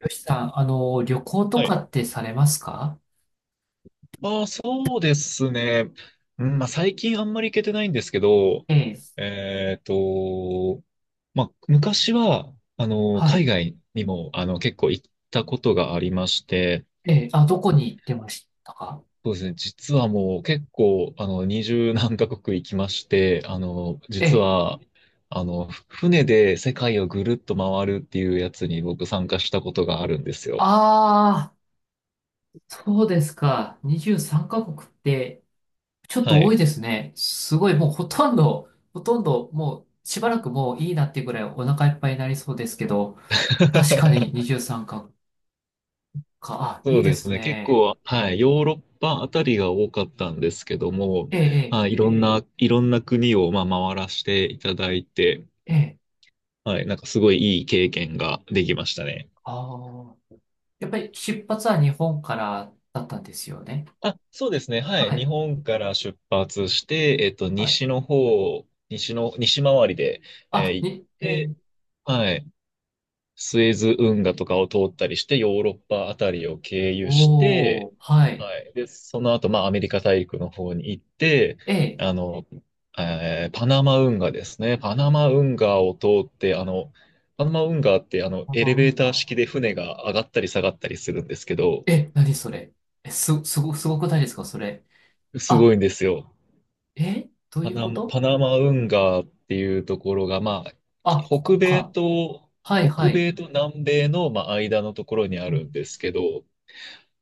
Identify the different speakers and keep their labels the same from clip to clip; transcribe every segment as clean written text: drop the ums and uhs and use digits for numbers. Speaker 1: よしさん、旅行と
Speaker 2: は
Speaker 1: か
Speaker 2: い。
Speaker 1: ってされますか？
Speaker 2: ああ、そうですね。うん、まあ、最近あんまり行けてないんですけど、
Speaker 1: ええ。
Speaker 2: えっと、まあ、昔は、
Speaker 1: は
Speaker 2: 海
Speaker 1: い。
Speaker 2: 外にも、結構行ったことがありまして、
Speaker 1: ええ。あ、どこに行ってましたか？
Speaker 2: そうですね。実はもう結構、二十何カ国行きまして、
Speaker 1: え
Speaker 2: 実
Speaker 1: え。
Speaker 2: は、船で世界をぐるっと回るっていうやつに僕参加したことがあるんですよ。
Speaker 1: ああ、そうですか。23カ国って、ちょっ
Speaker 2: は
Speaker 1: と多
Speaker 2: い。
Speaker 1: いですね。すごい、もうほとんど、ほとんど、もう、しばらくもういいなっていうぐらいお腹いっぱいになりそうですけど、確かに 23カ国か。あ、
Speaker 2: そ
Speaker 1: いい
Speaker 2: う
Speaker 1: で
Speaker 2: です
Speaker 1: す
Speaker 2: ね。結
Speaker 1: ね。
Speaker 2: 構、はい、ヨーロッパあたりが多かったんですけども、
Speaker 1: ええ、
Speaker 2: はい、いろんな国を、まあ、回らせていただいて、
Speaker 1: ええ、ええ。
Speaker 2: はい、なんかすごいいい経験ができましたね。
Speaker 1: ああ。やっぱり出発は日本からだったんですよね。
Speaker 2: あ、そうですね。はい、
Speaker 1: は
Speaker 2: 日
Speaker 1: い。
Speaker 2: 本から出発して、
Speaker 1: はい。
Speaker 2: 西の方、西回りで、
Speaker 1: あ、
Speaker 2: 行っ
Speaker 1: に、え。
Speaker 2: て、はい、スエズ運河とかを通ったりして、ヨーロッパあたりを経由して、
Speaker 1: おー、はい。
Speaker 2: はい。で、その後、まあ、アメリカ大陸の方に行って、
Speaker 1: え、
Speaker 2: あの、パナマ運河ですね。パナマ運河を通って、パナマ運河って、エレ
Speaker 1: な
Speaker 2: ベー
Speaker 1: ん
Speaker 2: ター
Speaker 1: か、
Speaker 2: 式で船が上がったり下がったりするんですけど、
Speaker 1: え、何それ？え、すごくないですかそれ？
Speaker 2: す
Speaker 1: あ、
Speaker 2: ごいんですよ。
Speaker 1: え、どう
Speaker 2: パ
Speaker 1: いう
Speaker 2: ナ
Speaker 1: こ
Speaker 2: マ、
Speaker 1: と？
Speaker 2: パナマ運河っていうところが、まあ、
Speaker 1: あ、こ
Speaker 2: 北
Speaker 1: こ
Speaker 2: 米
Speaker 1: か。
Speaker 2: と、
Speaker 1: はいは
Speaker 2: 北
Speaker 1: い。
Speaker 2: 米と南米の、まあ、間のところにあ
Speaker 1: う
Speaker 2: るん
Speaker 1: ん。
Speaker 2: ですけど、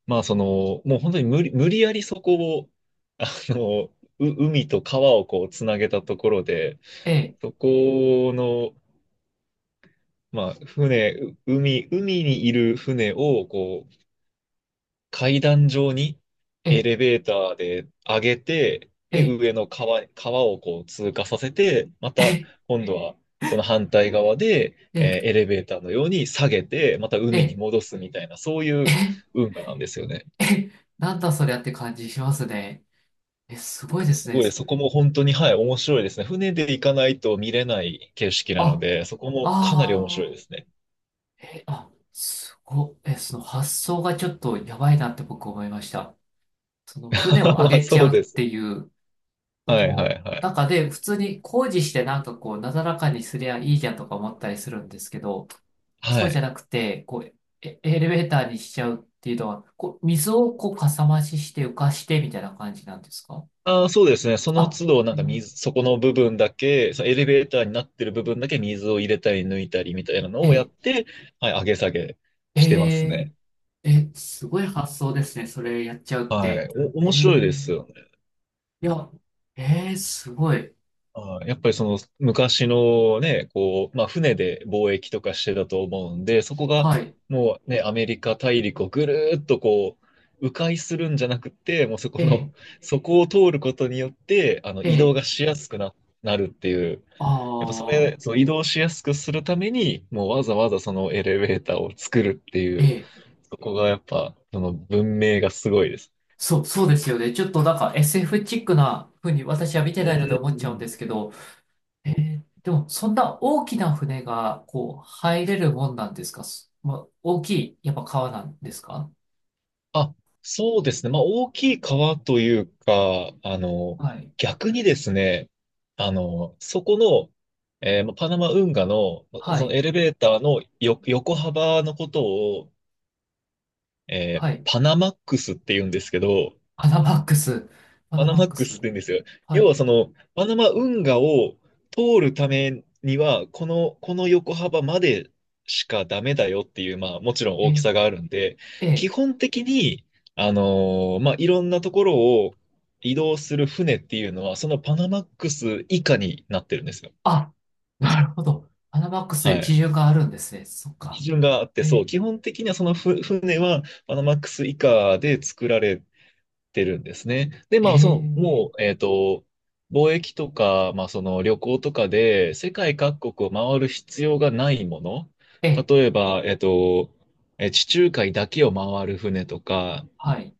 Speaker 2: まあ、その、もう本当に無理やりそこを、あの、海と川をこう、つなげたところで、
Speaker 1: え、
Speaker 2: そこの、まあ、船、う海、海にいる船を、こう、階段状にエ
Speaker 1: え、
Speaker 2: レベーターで上げて、で、
Speaker 1: え、
Speaker 2: 上の川、川をこう通過させて、ま
Speaker 1: え、
Speaker 2: た、
Speaker 1: え、
Speaker 2: 今度は、その反対側で、
Speaker 1: え、
Speaker 2: エレベーターのように下げて、また海に
Speaker 1: え、
Speaker 2: 戻すみたいな、そうい
Speaker 1: え、
Speaker 2: う運河なんですよね。
Speaker 1: え、なんだそりゃって感じしますね。え、すごいで
Speaker 2: す
Speaker 1: すね。
Speaker 2: ごい、そこも本当に、はい、面白いですね。船で行かないと見れない景色なの
Speaker 1: あ、
Speaker 2: で、そこもかなり面白
Speaker 1: あ
Speaker 2: いで
Speaker 1: ー、
Speaker 2: すね。
Speaker 1: え、あ、すご、え、その発想がちょっとやばいなって僕思いました。その船を 上
Speaker 2: まあ、
Speaker 1: げち
Speaker 2: そう
Speaker 1: ゃうっ
Speaker 2: です。
Speaker 1: ていう、そ
Speaker 2: はい、はい、
Speaker 1: の
Speaker 2: はい。
Speaker 1: 中で普通に工事してなんかこうなだらかにすりゃいいじゃんとか思ったりするんですけど、
Speaker 2: は
Speaker 1: そうじゃ
Speaker 2: い。
Speaker 1: なくて、こうエレベーターにしちゃうっていうのは、こう、水をこうかさ増しして浮かしてみたいな感じなんですか？
Speaker 2: ああ、そうですね。その
Speaker 1: あ、
Speaker 2: 都度、なん
Speaker 1: え
Speaker 2: かそこの部分だけ、そのエレベーターになってる部分だけ水を入れたり抜いたりみたいなのをやっ
Speaker 1: え
Speaker 2: て、はい、上げ下げ
Speaker 1: え
Speaker 2: してます
Speaker 1: え
Speaker 2: ね。
Speaker 1: ええすごい発想ですね。それやっちゃうっ
Speaker 2: は
Speaker 1: て。
Speaker 2: い。
Speaker 1: え
Speaker 2: 面白い
Speaker 1: え、
Speaker 2: ですよね。
Speaker 1: いや、ええすごい。
Speaker 2: やっぱりその昔のね、こう、まあ船で貿易とかしてたと思うんで、そこが
Speaker 1: はい。
Speaker 2: もうね、アメリカ大陸をぐるーっとこう、迂回するんじゃなくて、もうそこ
Speaker 1: え
Speaker 2: の、そこを通ることによって、あの
Speaker 1: え、
Speaker 2: 移動がしやすくな、なるっていう、やっぱ
Speaker 1: ああ
Speaker 2: その移動しやすくするために、もうわざわざそのエレベーターを作るっていう、
Speaker 1: ええ
Speaker 2: そこがやっぱ、その文明がすごいです。
Speaker 1: そう、そうですよね。ちょっとなんか SF チックな風に私は見て
Speaker 2: うん
Speaker 1: ないので
Speaker 2: う
Speaker 1: 思っ
Speaker 2: ん
Speaker 1: ち
Speaker 2: う
Speaker 1: ゃうんで
Speaker 2: ん。
Speaker 1: すけど、でもそんな大きな船がこう入れるもんなんですか？まあ、大きい、やっぱ川なんですか？
Speaker 2: あ、そうですね。まあ、大きい川というか、
Speaker 1: はい。
Speaker 2: 逆にですね、あの、そこの、えーまあパナマ運河の、
Speaker 1: は
Speaker 2: その
Speaker 1: い。
Speaker 2: エレベーターの横幅のことを、
Speaker 1: はい。
Speaker 2: パナマックスって言うんですけど、
Speaker 1: パナマックス。パ
Speaker 2: パ
Speaker 1: ナ
Speaker 2: ナ
Speaker 1: マ
Speaker 2: マ
Speaker 1: ッ
Speaker 2: ッ
Speaker 1: ク
Speaker 2: クス
Speaker 1: ス。
Speaker 2: って言うんですよ。
Speaker 1: は
Speaker 2: 要
Speaker 1: い。
Speaker 2: はその、パナマ運河を通るためには、この横幅までしかダメだよっていう、まあ、もちろん大きさ
Speaker 1: え
Speaker 2: があるんで、基
Speaker 1: え。
Speaker 2: 本的に、まあ、いろんなところを移動する船っていうのは、そのパナマックス以下になってるんですよ。
Speaker 1: あ、なるほど。パナマックスとい
Speaker 2: は
Speaker 1: う基
Speaker 2: い。
Speaker 1: 準があるんですね。そっか。
Speaker 2: 基準があって、そ
Speaker 1: え
Speaker 2: う、基本的にはその船はパナマックス以下で作られてるんですね。で、
Speaker 1: え
Speaker 2: まあ、
Speaker 1: ー
Speaker 2: その、もう、貿易とか、まあ、その旅行とかで世界各国を回る必要がないもの。
Speaker 1: え
Speaker 2: 例えば、地中海だけを回る船とか、
Speaker 1: はい。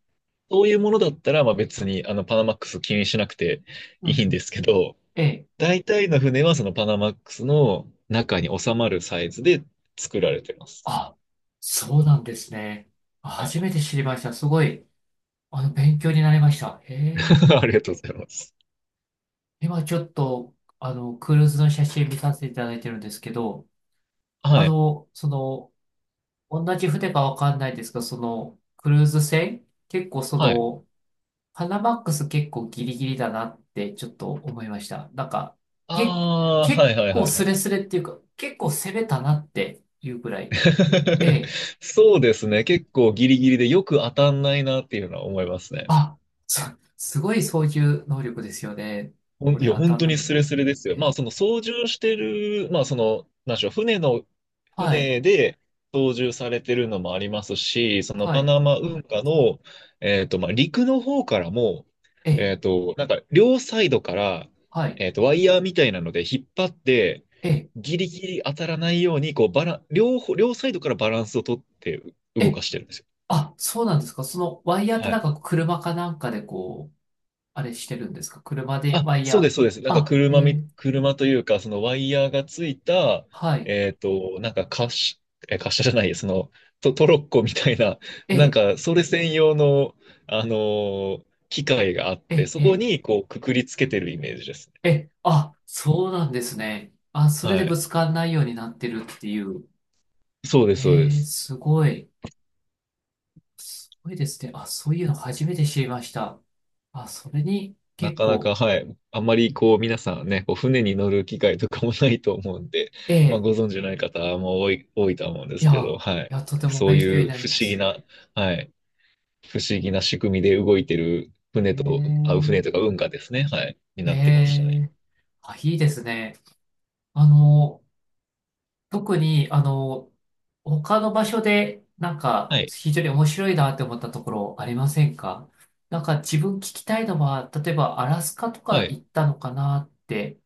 Speaker 2: そういうものだったら、まあ別に、パナマックス気にしなくて
Speaker 1: う
Speaker 2: い
Speaker 1: ん
Speaker 2: いん
Speaker 1: う
Speaker 2: で
Speaker 1: ん。
Speaker 2: すけど、
Speaker 1: え。
Speaker 2: 大体の船はそのパナマックスの中に収まるサイズで作られてます。
Speaker 1: あ、そうなんですね。あ、
Speaker 2: は
Speaker 1: 初
Speaker 2: い。
Speaker 1: めて知りました。すごい、勉強になりました。へえ。
Speaker 2: ありがとうございます。
Speaker 1: 今ちょっと、クルーズの写真見させていただいてるんですけど、
Speaker 2: はい。
Speaker 1: その、同じ船かわかんないですが、その、クルーズ船、結構そ
Speaker 2: はい。
Speaker 1: の、パナマックス結構ギリギリだなってちょっと思いました。なんか、け、
Speaker 2: ああ、
Speaker 1: 結
Speaker 2: はいはい
Speaker 1: 構
Speaker 2: はい
Speaker 1: ス
Speaker 2: は
Speaker 1: レ
Speaker 2: い。
Speaker 1: スレっていうか、結構攻めたなっていうくらい。ええ。
Speaker 2: そうですね。結構ギリギリでよく当たんないなっていうのは思いますね。
Speaker 1: あ、す、すごい操縦能力ですよね。
Speaker 2: ほん
Speaker 1: こ
Speaker 2: い
Speaker 1: れ
Speaker 2: や、
Speaker 1: 当た
Speaker 2: 本
Speaker 1: ん
Speaker 2: 当
Speaker 1: ない
Speaker 2: に
Speaker 1: の。
Speaker 2: スレスレですよ。ま
Speaker 1: え
Speaker 2: あ、
Speaker 1: ー、
Speaker 2: その操縦してる、まあ、その、なんでしょう、
Speaker 1: はい、
Speaker 2: 船で操縦されてるのもありますし、その
Speaker 1: は
Speaker 2: パ
Speaker 1: い、
Speaker 2: ナマ運河の、まあ、陸の方からも、
Speaker 1: えー、
Speaker 2: なんか、両サイドから、
Speaker 1: はい、
Speaker 2: ワイヤーみたいなので引っ張って、
Speaker 1: え
Speaker 2: ギリギリ当たらないように、こう、バラン、両方、両サイドからバランスをとって
Speaker 1: ー、
Speaker 2: 動
Speaker 1: え
Speaker 2: か
Speaker 1: ー、
Speaker 2: してるんですよ。
Speaker 1: あ、そうなんですか。そのワイヤーって
Speaker 2: は
Speaker 1: なん
Speaker 2: い。
Speaker 1: か車かなんかでこう、あれしてるんですか。車で
Speaker 2: あ、
Speaker 1: ワイヤ
Speaker 2: そうで
Speaker 1: ー。
Speaker 2: す、そうです。なんか
Speaker 1: あ、えー、
Speaker 2: 車というか、そのワイヤーがついた、
Speaker 1: はい、
Speaker 2: なんか滑車、滑車じゃない、その、トロッコみたいな、なん
Speaker 1: え
Speaker 2: か、それ専用の、あの機械があっ
Speaker 1: ー、
Speaker 2: て、
Speaker 1: えー、
Speaker 2: そこ
Speaker 1: え
Speaker 2: に、こう、くくりつけてるイメージですね。
Speaker 1: ー、えー、あ、そうなんですね。あ、それで
Speaker 2: は
Speaker 1: ぶ
Speaker 2: い。
Speaker 1: つかんないようになってるっていう。
Speaker 2: そうです、そうで
Speaker 1: えー、
Speaker 2: す。
Speaker 1: すごい。すごいですね。あ、そういうの初めて知りました。あ、それに
Speaker 2: な
Speaker 1: 結
Speaker 2: かなか、
Speaker 1: 構。
Speaker 2: はい。あんまり、こう、皆さんね、こう船に乗る機会とかもないと思うんで、
Speaker 1: え
Speaker 2: まあ、
Speaker 1: え、
Speaker 2: ご存知ない方も多いとは思うんで
Speaker 1: い
Speaker 2: すけ
Speaker 1: や、
Speaker 2: ど、は
Speaker 1: い
Speaker 2: い。
Speaker 1: や、とても
Speaker 2: そう
Speaker 1: 勉強に
Speaker 2: いう
Speaker 1: なり
Speaker 2: 不
Speaker 1: ま
Speaker 2: 思議
Speaker 1: す。
Speaker 2: な、はい。不思議な仕組みで動いてる
Speaker 1: え
Speaker 2: 船とか運河ですね。はい。に
Speaker 1: え、
Speaker 2: なってましたね。
Speaker 1: ええ、あ、いいですね。あの、特に、他の場所で、なんか、
Speaker 2: はい。
Speaker 1: 非常に面白いなって思ったところありませんか？なんか、自分聞きたいのは、例えば、アラスカとか
Speaker 2: はい。
Speaker 1: 行ったのかなって、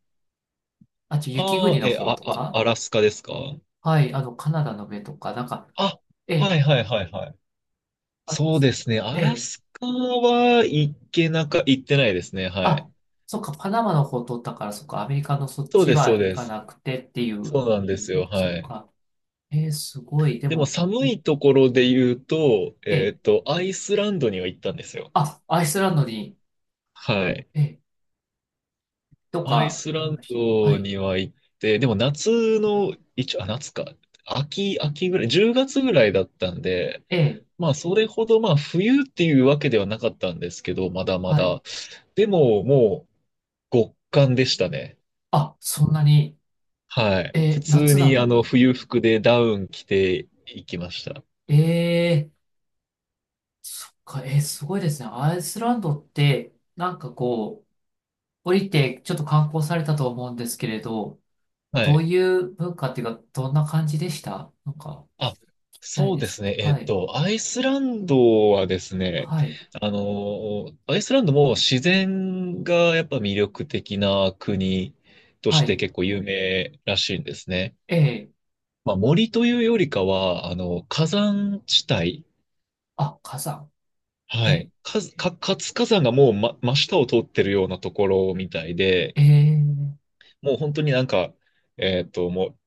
Speaker 1: あと、雪
Speaker 2: あー
Speaker 1: 国の
Speaker 2: え、
Speaker 1: 方
Speaker 2: あ、
Speaker 1: と
Speaker 2: あ、
Speaker 1: か、
Speaker 2: アラスカですか
Speaker 1: はい、カナダの上とか、なんか、
Speaker 2: あ、
Speaker 1: え
Speaker 2: は
Speaker 1: え、
Speaker 2: いはいはいはい。そうですね。ア
Speaker 1: あ、
Speaker 2: ラ
Speaker 1: ええ。
Speaker 2: スカは行ってないですね。は
Speaker 1: あ、
Speaker 2: い。
Speaker 1: そっか、パナマの方通ったから、そっか、アメリカのそっ
Speaker 2: そう
Speaker 1: ち
Speaker 2: です、そう
Speaker 1: は行
Speaker 2: で
Speaker 1: か
Speaker 2: す。
Speaker 1: なくてっていう。
Speaker 2: そうなんです
Speaker 1: そっ
Speaker 2: よ。
Speaker 1: か、そっ
Speaker 2: はい。
Speaker 1: か。えー、すごい。で
Speaker 2: でも
Speaker 1: も、
Speaker 2: 寒いところで言うと、
Speaker 1: えー、
Speaker 2: アイスランドには行ったんですよ。
Speaker 1: あ、アイスランドに、
Speaker 2: はい。
Speaker 1: えー、と
Speaker 2: アイ
Speaker 1: か、
Speaker 2: ス
Speaker 1: あり
Speaker 2: ラン
Speaker 1: ました。は
Speaker 2: ド
Speaker 1: い。
Speaker 2: には行って、でも夏の、一応、あ、夏か。秋ぐらい、10月ぐらいだったんで、
Speaker 1: えー、
Speaker 2: まあ、それほど、まあ、冬っていうわけではなかったんですけど、まだま
Speaker 1: はい。
Speaker 2: だ。でも、もう、極寒でしたね。
Speaker 1: あ、そんなに、
Speaker 2: はい。普
Speaker 1: えー、
Speaker 2: 通
Speaker 1: 夏な
Speaker 2: に、
Speaker 1: のに。
Speaker 2: 冬服でダウン着ていきました。
Speaker 1: えー、そっか、えー、すごいですね。アイスランドって、なんかこう、降りて、ちょっと観光されたと思うんですけれど、
Speaker 2: は
Speaker 1: どう
Speaker 2: い。
Speaker 1: いう文化っていうか、どんな感じでした？なんか、
Speaker 2: あ、
Speaker 1: みたい
Speaker 2: そう
Speaker 1: で
Speaker 2: です
Speaker 1: す。
Speaker 2: ね。
Speaker 1: はい。
Speaker 2: アイスランドはですね、
Speaker 1: はい。
Speaker 2: アイスランドも自然がやっぱ魅力的な国と
Speaker 1: は
Speaker 2: して
Speaker 1: い。
Speaker 2: 結構有名らしいんですね。
Speaker 1: ええ。
Speaker 2: まあ、森というよりかは、火山地帯。
Speaker 1: あ、火山。え
Speaker 2: はい。
Speaker 1: え。
Speaker 2: 活火山がもう、真下を通ってるようなところみたいで、
Speaker 1: ええ。
Speaker 2: もう本当になんか、も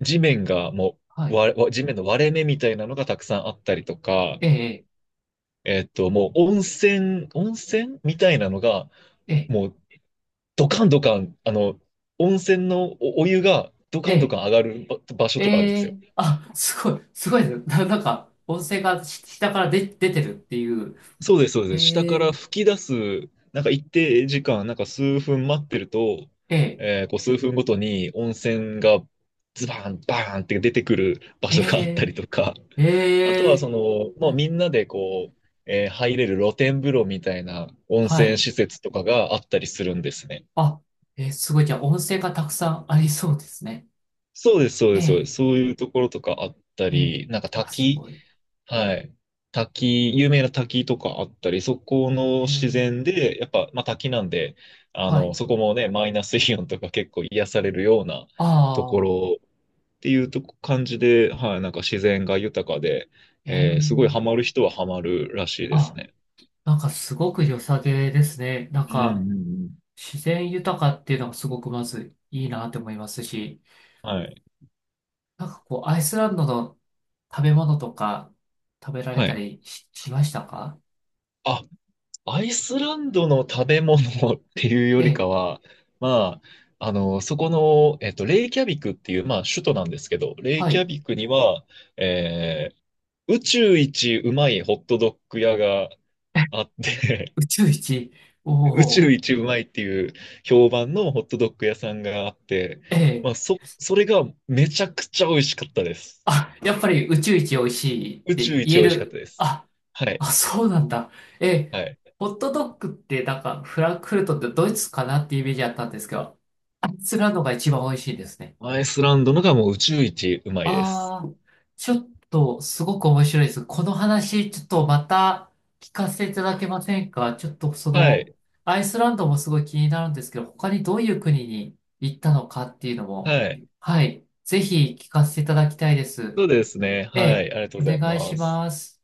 Speaker 2: う地面がも
Speaker 1: は
Speaker 2: う、
Speaker 1: い。
Speaker 2: わ、わ地面の割れ目みたいなのがたくさんあったりとか、
Speaker 1: ええ。
Speaker 2: もう温泉みたいなのが、
Speaker 1: ええ。
Speaker 2: もうドカンドカン、温泉のお湯がド
Speaker 1: え
Speaker 2: カンド
Speaker 1: え。
Speaker 2: カン上がる場所とかあるんで
Speaker 1: え
Speaker 2: すよ。
Speaker 1: え。あ、すごい。すごいですね。なんか、音声がし下から出てるっていう。
Speaker 2: そうです、そうです。下か
Speaker 1: え
Speaker 2: ら
Speaker 1: え。
Speaker 2: 吹き出す、なんか一定時間、なんか数分待ってると、
Speaker 1: ええ。
Speaker 2: こう数分ごとに温泉がズバーン、バーンって出てくる場
Speaker 1: え
Speaker 2: 所があったり
Speaker 1: え。
Speaker 2: とか、あと
Speaker 1: え
Speaker 2: は
Speaker 1: え。
Speaker 2: その、
Speaker 1: う
Speaker 2: もうみん
Speaker 1: ん。
Speaker 2: なでこう、入れる露天風呂みたいな温
Speaker 1: は
Speaker 2: 泉
Speaker 1: い。
Speaker 2: 施設とかがあったりするんですね。
Speaker 1: あ、すごい。じゃあ、音声がたくさんありそうですね。
Speaker 2: そうです、そう
Speaker 1: え
Speaker 2: です、そうで
Speaker 1: え。
Speaker 2: す。そういうところとかあった
Speaker 1: ええ。
Speaker 2: り、なんか
Speaker 1: あ、す
Speaker 2: 滝、
Speaker 1: ごい。
Speaker 2: はい。滝、有名な滝とかあったり、そこの
Speaker 1: え
Speaker 2: 自然
Speaker 1: え。
Speaker 2: で、やっぱ、まあ滝なんで、
Speaker 1: はい。
Speaker 2: そこもね、マイナスイオンとか結構癒されるような
Speaker 1: あ
Speaker 2: とこ
Speaker 1: あ。
Speaker 2: ろっていうとこ感じで、はい、なんか自然が豊かで、
Speaker 1: え
Speaker 2: すごいハ
Speaker 1: え。
Speaker 2: マる人はハマるらしいです
Speaker 1: あ、
Speaker 2: ね。
Speaker 1: なんかすごく良さげですね。なん
Speaker 2: うんう
Speaker 1: か、
Speaker 2: んうん。
Speaker 1: 自然豊かっていうのがすごくまずいいなって思いますし、
Speaker 2: はい。
Speaker 1: なんかこう、アイスランドの食べ物とか食べられ
Speaker 2: は
Speaker 1: た
Speaker 2: い。
Speaker 1: りしましたか？
Speaker 2: あ、アイスランドの食べ物 っていうよ
Speaker 1: え
Speaker 2: り
Speaker 1: え、
Speaker 2: かは、まあ、あの、そこの、えっと、レイキャビクっていう、まあ、首都なんですけど、レイ
Speaker 1: は
Speaker 2: キャ
Speaker 1: い。
Speaker 2: ビクには、えー宇宙一うまいホットドッグ屋が あって
Speaker 1: 宇宙一。お
Speaker 2: 宇宙
Speaker 1: お、
Speaker 2: 一うまいっていう評判のホットドッグ屋さんがあって、
Speaker 1: え
Speaker 2: まあ、
Speaker 1: え。
Speaker 2: それがめちゃくちゃ美味しかったです。
Speaker 1: あ、やっぱり宇宙一美味しいっ
Speaker 2: 宇宙
Speaker 1: て言
Speaker 2: 一
Speaker 1: え
Speaker 2: 美味しかった
Speaker 1: る。
Speaker 2: です。
Speaker 1: あ、
Speaker 2: はい、
Speaker 1: あ、そうなんだ。ええ、
Speaker 2: はい。
Speaker 1: ホットドッグってなんかフランクフルトってドイツかなってイメージあったんですけど、アイスランドが一番美味しいですね。
Speaker 2: アイスランドのがもう宇宙一うまいです。
Speaker 1: ああ、ちょっとすごく面白いです。この話、ちょっとまた聞かせていただけませんか？ちょっとそ
Speaker 2: は
Speaker 1: の、
Speaker 2: い、
Speaker 1: アイスランドもすごい気になるんですけど、他にどういう国に行ったのかっていうのも、
Speaker 2: はい。
Speaker 1: はい、ぜひ聞かせていただきたいです。
Speaker 2: そうですね。
Speaker 1: え
Speaker 2: は
Speaker 1: え、
Speaker 2: い。ありがとう
Speaker 1: お
Speaker 2: ござい
Speaker 1: 願い
Speaker 2: ま
Speaker 1: し
Speaker 2: す。
Speaker 1: ます。